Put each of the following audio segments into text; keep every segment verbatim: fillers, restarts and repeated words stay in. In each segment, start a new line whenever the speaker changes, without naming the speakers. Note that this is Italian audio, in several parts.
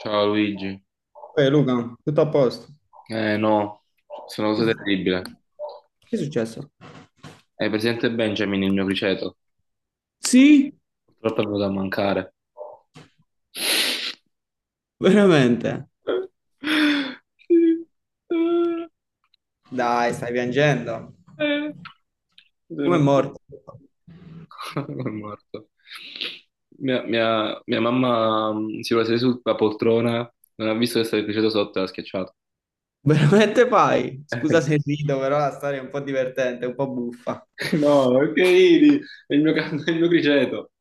Ciao Luigi.
Ehi Luca, tutto a posto?
Eh no, sono una
Che è
cosa
successo?
terribile.
Che è successo?
Hai presente Benjamin, il mio criceto?
Sì,
Purtroppo è venuto a mancare.
veramente.
Sì.
Dai, stai piangendo.
Eh.
Come è
Sono-
morto?
È morto. Mia, mia- mia mamma mm, si è seduta sulla poltrona, non ha visto che stava il criceto sotto e l'ha schiacciato.
Veramente fai? Scusa se rido, però la storia è un po' divertente, un po' buffa.
Eh, no, che ridi? È il mio, ca- è il mio criceto.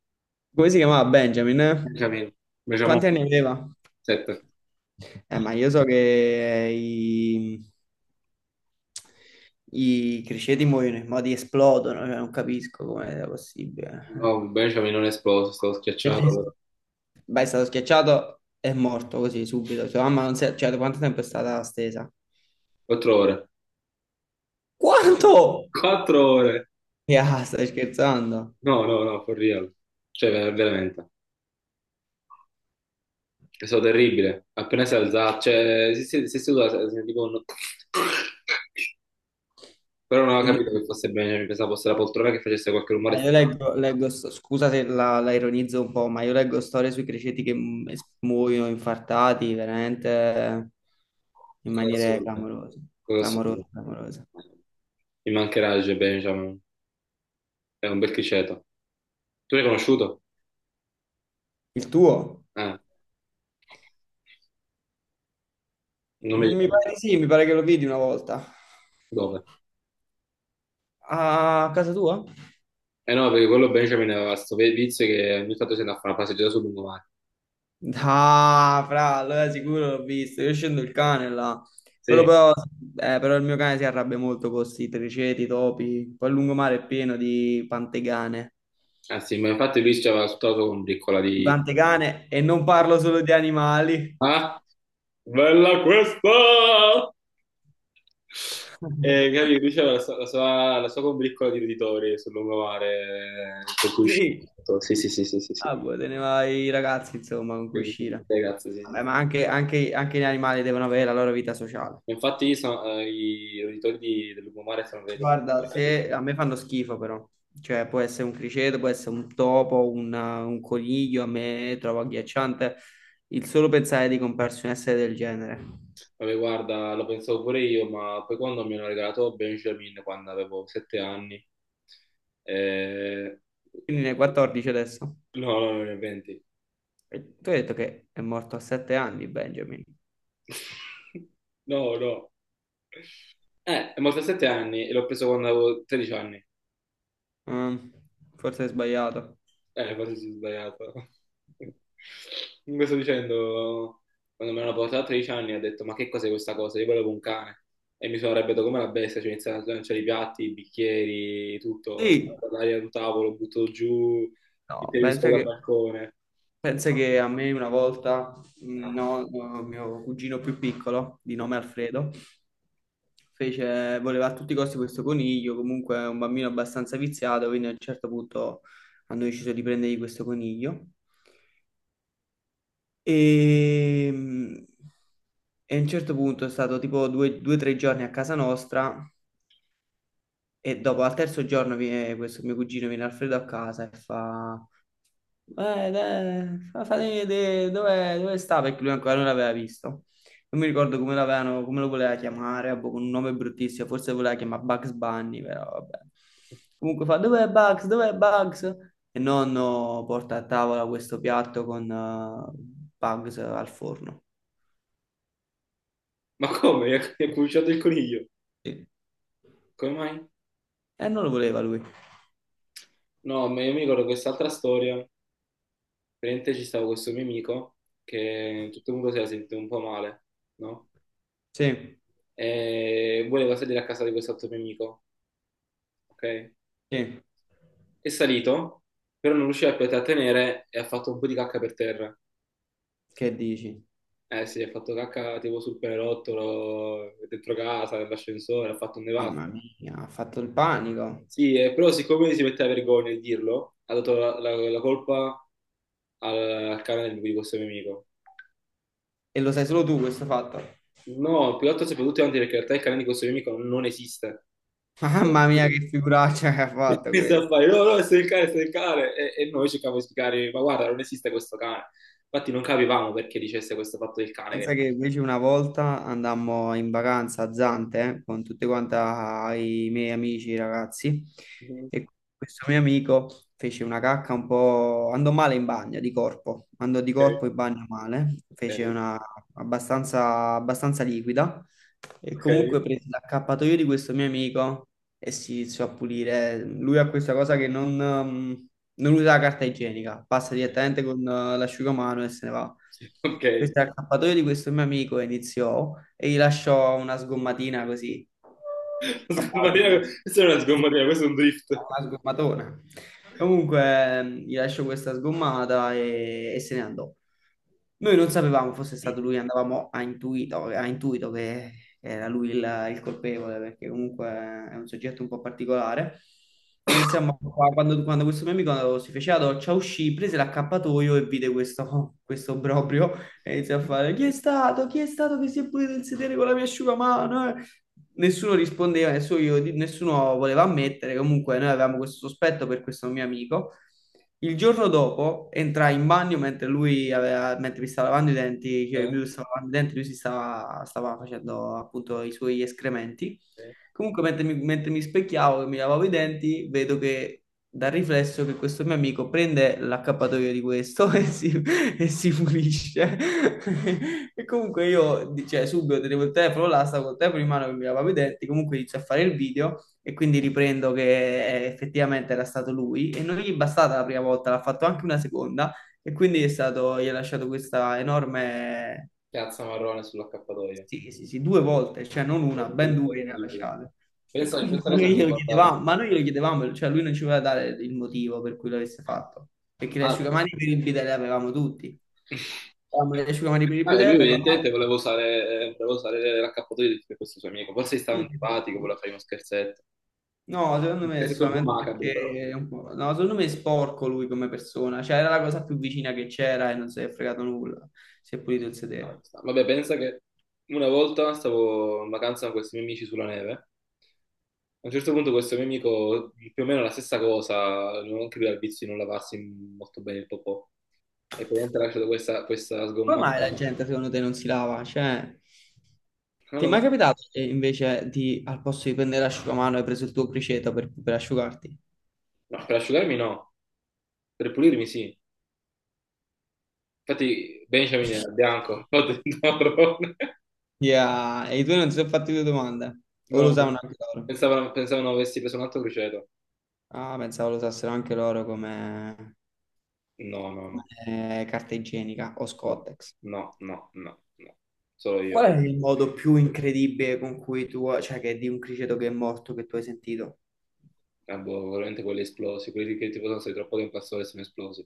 Come si chiamava Benjamin? Eh?
Benjamin, Benjamin,
Quanti anni aveva?
sette.
Eh, ma io so che eh, i, i criceti muoiono, i modi esplodono, cioè non capisco come sia
No,
possibile.
un Benjamin non è esploso, è stato schiacciato per
Beh, è stato schiacciato e morto così subito. Sua mamma non si è... Cioè, da quanto tempo è stata stesa?
quattro ore.
Quanto?
Quattro ore!
Ya, stai scherzando?
No, no, no, for real. Cioè, ver- veramente. È stato terribile. Appena si è alzato, cioè, si, si, si è seduto, sentivo un... Però non
E
avevo
lui-
capito che fosse Benjamin, pensavo fosse la poltrona che facesse qualche rumore
Ma io
strano.
leggo, leggo sto- scusa se la, la ironizzo un po', ma io leggo storie sui criceti che mu- es- muoiono infartati, veramente in
Cosa
maniere
assurda.
clamorose,
Cosa assurda.
clamorose, clamorose.
Mi mancherà il Benjamin. È un bel criceto. Tu l'hai conosciuto?
Il tuo?
Eh, non mi
Mi
ricordo.
pare di sì, mi pare che lo vidi una volta.
Dove?
A casa tua?
Eh no, perché quello Benjamin aveva questo vizio che ogni tanto si andava a fare una passeggiata sul lungomare.
Ah, fra, allora sicuro l'ho visto. Io scendo il cane là. Quello
Sì,
però, eh, però il mio cane si arrabbia molto con questi triceti, topi. Poi il lungomare è pieno di pantegane.
eh sì, ma infatti lui ci aveva sputato con piccola di...
Pantegane, e non parlo solo di animali.
Ah, bella questa! E capì, lui c'aveva la, sua, la sua la sua combriccola di roditori sul lungomare eh, con cui usciva.
Sì.
Sì, sì, sì, sì, sì, sì.
Ah, boh, te ne vai i ragazzi, insomma, con cui
E-
uscire.
Ragazzi, sì, sì,
Vabbè,
sì.
ma anche, anche- anche gli animali devono avere la loro vita sociale.
Infatti io sono- eh, i roditori di- del lungomare sono venuti.
Guarda, se a me fanno schifo però, cioè può essere un criceto, può essere un topo, una- un coniglio, a me trovo agghiacciante il solo pensare di comprarsi un essere del genere.
Vabbè, guarda, lo pensavo pure io, ma poi quando mi hanno regalato Benjamin, quando avevo sette anni, eh,
Quindi ne hai quattordici adesso.
no, no, no, venti,
E tu hai detto che è morto a sette anni Benjamin.
no, no. Eh, è morto a sette anni e l'ho preso quando avevo tredici anni.
Mm, forse hai sbagliato.
Eh, quasi si è sbagliato. Comunque sto dicendo, quando me l'hanno portato a tredici anni ho detto, ma che cos'è questa cosa? Io volevo un cane. E mi sono arrabbiato come la bestia, cioè ho iniziato a lanciare i piatti, i bicchieri, tutto, la-
Sì,
l'aria sul tavolo, butto giù il
no, penso
televisore dal
che
balcone.
Pensa che a me una volta,
Ma
mm,
no,
no, no, mio cugino più piccolo, di
no.
nome Alfredo, fece, voleva a tutti i costi questo coniglio, comunque è un bambino abbastanza viziato, quindi a un certo punto hanno deciso di prendergli questo coniglio. E, mm, e a un certo punto è stato tipo due o tre giorni a casa nostra e dopo al terzo giorno viene questo mio cugino, viene Alfredo a casa e fa... Eh, dai, fa- fatemi vedere dove, dove sta perché lui ancora non l'aveva visto. Non mi ricordo come l'avevano, come lo voleva chiamare, ah, boh, con un nome bruttissimo, forse voleva chiamare Bugs Bunny, però vabbè. Comunque fa, dov'è Bugs? Dov'è Bugs? E nonno porta a tavola questo piatto con eh, Bugs al forno.
Ma come? Mi ha mi ha cucciato il coniglio.
Sì.
Come mai?
E non lo voleva lui.
No, ma io mi ricordo quest'altra storia. Praticamente ci stava questo mio amico che tutto il mondo si era sentito un po' male, no?
Sì,
E voleva salire a casa di quest'altro mio amico, ok?
sì.
È salito, però non riusciva più a trattenere e ha fatto un po' di cacca per terra.
Che dici?
Eh sì, ha fatto cacca tipo sul pianerottolo, dentro casa, nell'ascensore, ha fatto un nevato.
Mamma mia, ha fatto il panico.
Sì, eh, però siccome si metteva vergogna di dirlo, ha dato la, la- la colpa al, al cane di questo mio amico.
E lo sai solo tu questo fatto.
No, più che altro soprattutto anche perché in realtà il cane di questo mio amico non esiste.
Mamma mia, che figuraccia che ha
E
fatto
questo a
questa.
fare, no, no, è stato il cane, è stato il cane. E, e noi cercavamo di spiegare, ma guarda, non esiste questo cane. Infatti non capivamo perché dicesse questo fatto del cane. Che...
Pensa che invece una volta andammo in vacanza a Zante eh, con tutti quanti i miei amici, i ragazzi,
non-
e questo mio amico fece una cacca un po'... andò male in bagno, di corpo, andò di corpo
Ok,
in bagno male, fece una abbastanza, abbastanza liquida e
ok,
comunque prese l'accappatoio di questo mio amico e si iniziò a pulire. Lui ha questa cosa che non, ehm, non usa la carta igienica, passa
ok,
direttamente con eh, l'asciugamano e se ne va.
ok.
Questo è l'accappatoio di questo mio amico iniziò e gli lasciò una sgommatina così
La
a
sgombatina-
baldino.
questa non è una sgombatina, questo è un drift.
Una sgommatona. Comunque, ehm, gli lascio questa sgommata e, e se ne andò. Noi non sapevamo fosse stato lui, andavamo a intuito, a intuito che era lui il, il colpevole, perché comunque è un soggetto un po' particolare. E iniziamo qua, quando, quando questo mio amico si fece la doccia, uscì, prese l'accappatoio e vide questo, questo obbrobrio e iniziò a fare: "Chi è stato? Chi è stato che si è pulito il sedere con la mia asciugamano? Eh?" Nessuno rispondeva, nessuno, io- nessuno voleva ammettere. Comunque, noi avevamo questo sospetto per questo mio amico. Il giorno dopo entrai in bagno mentre lui aveva, mentre mi stava lavando i denti, cioè io
Eh,
mi stavo lavando i denti, lui si stava, stava facendo appunto i suoi escrementi.
ok.
Comunque, mentre mi, mentre mi specchiavo e mi lavavo i denti, vedo che dal riflesso che questo mio amico prende l'accappatoio di questo e si, e si pulisce. E comunque io, cioè, subito tenevo il telefono là, stavo col telefono in mano che mi lavavo i denti, comunque inizio a fare il video e quindi riprendo che eh, effettivamente era stato lui e non gli è bastata la prima volta, l'ha fatto anche una seconda e quindi è stato, gli ha lasciato questa enorme
Piazza marrone sull'accappatoio.
sì, sì, sì, due volte, cioè non una, ben
Orribile,
due ne ha
orribile.
lasciate. E
Pensa, questa
comunque
cosa
noi
mi
glielo
guarda...
chiedevamo, ma noi glielo chiedevamo, cioè lui non ci voleva dare il motivo per cui l'avesse fatto, perché le
Ah, beh.
asciugamani per il bidet le avevamo tutti. Avevamo le asciugamani per il
Ah, e lui
bidet, per la pasta.
evidentemente voleva usare, eh, voleva usare l'accappatoio di questo suo amico. Forse gli stava
Sì,
antipatico,
sì.
voleva fare uno scherzetto.
No, secondo
Un
me è
pezzetto un po'
solamente
macabro, però.
perché, è un po'- no, secondo me è sporco lui come persona, cioè era la cosa più vicina che c'era e non si è fregato nulla, si è pulito il
Ah,
sedere.
sta. Vabbè, pensa che una volta stavo in vacanza con questi miei amici sulla neve. A un certo punto questo mio amico, più o meno la stessa cosa, non anche lui ha il vizio di non lavarsi molto bene il popò. E praticamente ha lasciato questa, questa
Come mai
sgommata.
la
ma-
gente secondo te non si lava? Cioè,
No,
ti è
no,
mai
no.
capitato che invece di, al posto di prendere l'asciugamano, hai preso il tuo criceto per, per asciugarti?
No, per asciugarmi no, per pulirmi sì. Infatti Benjamin era bianco, ho detto marrone.
Yeah, e i tuoi non si sono fatti due domande? O lo
No,
usavano anche loro?
pensavano, pensavano avessi preso un altro criceto.
Ah, pensavo lo usassero anche loro come,
No, no,
come eh, carta igienica o
no,
Scotex.
no, no, no, no, no. Solo
Qual
io.
è il modo più incredibile con cui tu, cioè che di un criceto che è morto che tu hai sentito?
Ah, boh, veramente quelli esplosi, quelli che tipo sono stati troppo tempo a sole e sono esplosi.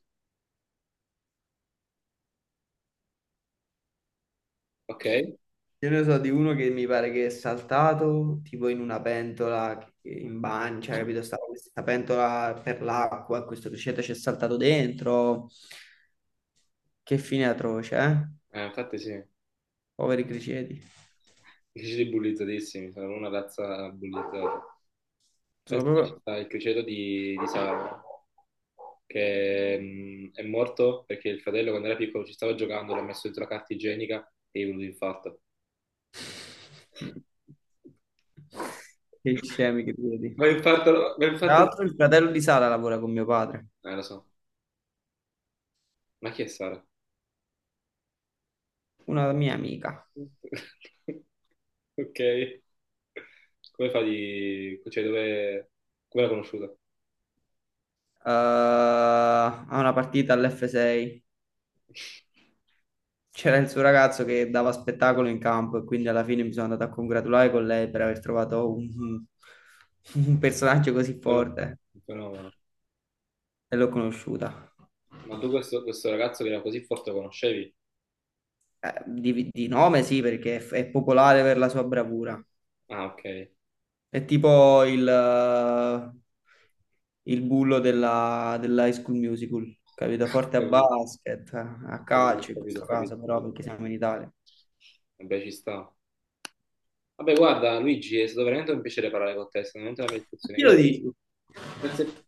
Ok? Eh,
Io ne so di uno che mi pare che è saltato tipo in una pentola che- in bagno, cioè, capito? Stava questa pentola per l'acqua, questo criceto ci è saltato dentro. Che fine atroce, eh?
infatti sì, i
Poveri criceti.
criceti bullizzatissimi, sono una razza bullizzata.
Sono
Penso che ci
proprio...
sta il criceto di, di Sara, che mh, è morto perché il fratello quando era piccolo ci stava giocando, l'ha messo dentro la carta igienica e gli è venuto l'infarto.
Mm. Che scemi che criceti.
Ma infarto, ma
Tra
infarto...
l'altro il
Eh,
fratello di Sara lavora con mio padre,
lo so. Ma chi è Sara?
una mia amica.
Ok, come fa di... cioè dove... come l'ha conosciuta?
Eh, ha una partita all'F sei. C'era il suo ragazzo che dava spettacolo in campo e quindi alla fine mi sono andato a congratulare con lei per aver trovato un, un personaggio così
Però-
forte
fenomeno.
e l'ho conosciuta.
Ma tu questo, questo ragazzo che era così forte lo conoscevi?
Eh, di, di nome sì, perché è, è popolare per la sua bravura.
Ah, ok.
È tipo il, eh, il bullo della, dell'High School Musical, capito? Forte a
Capito,
basket, a
ho capito, ho
calcio in
capito, ho
questo
capito,
caso
ho
però,
capito, ho
perché siamo
capito.
in Italia.
Vabbè, ci sta. Vabbè, guarda, Luigi, è stato veramente un piacere parlare con te, è stata veramente una bella
A
discussione.
chi lo
Grazie,
dici?
grazie,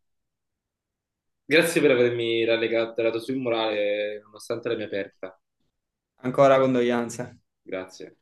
grazie per avermi rallegato, dato sul morale, nonostante la mia perdita.
Ancora condoglianze.
Grazie.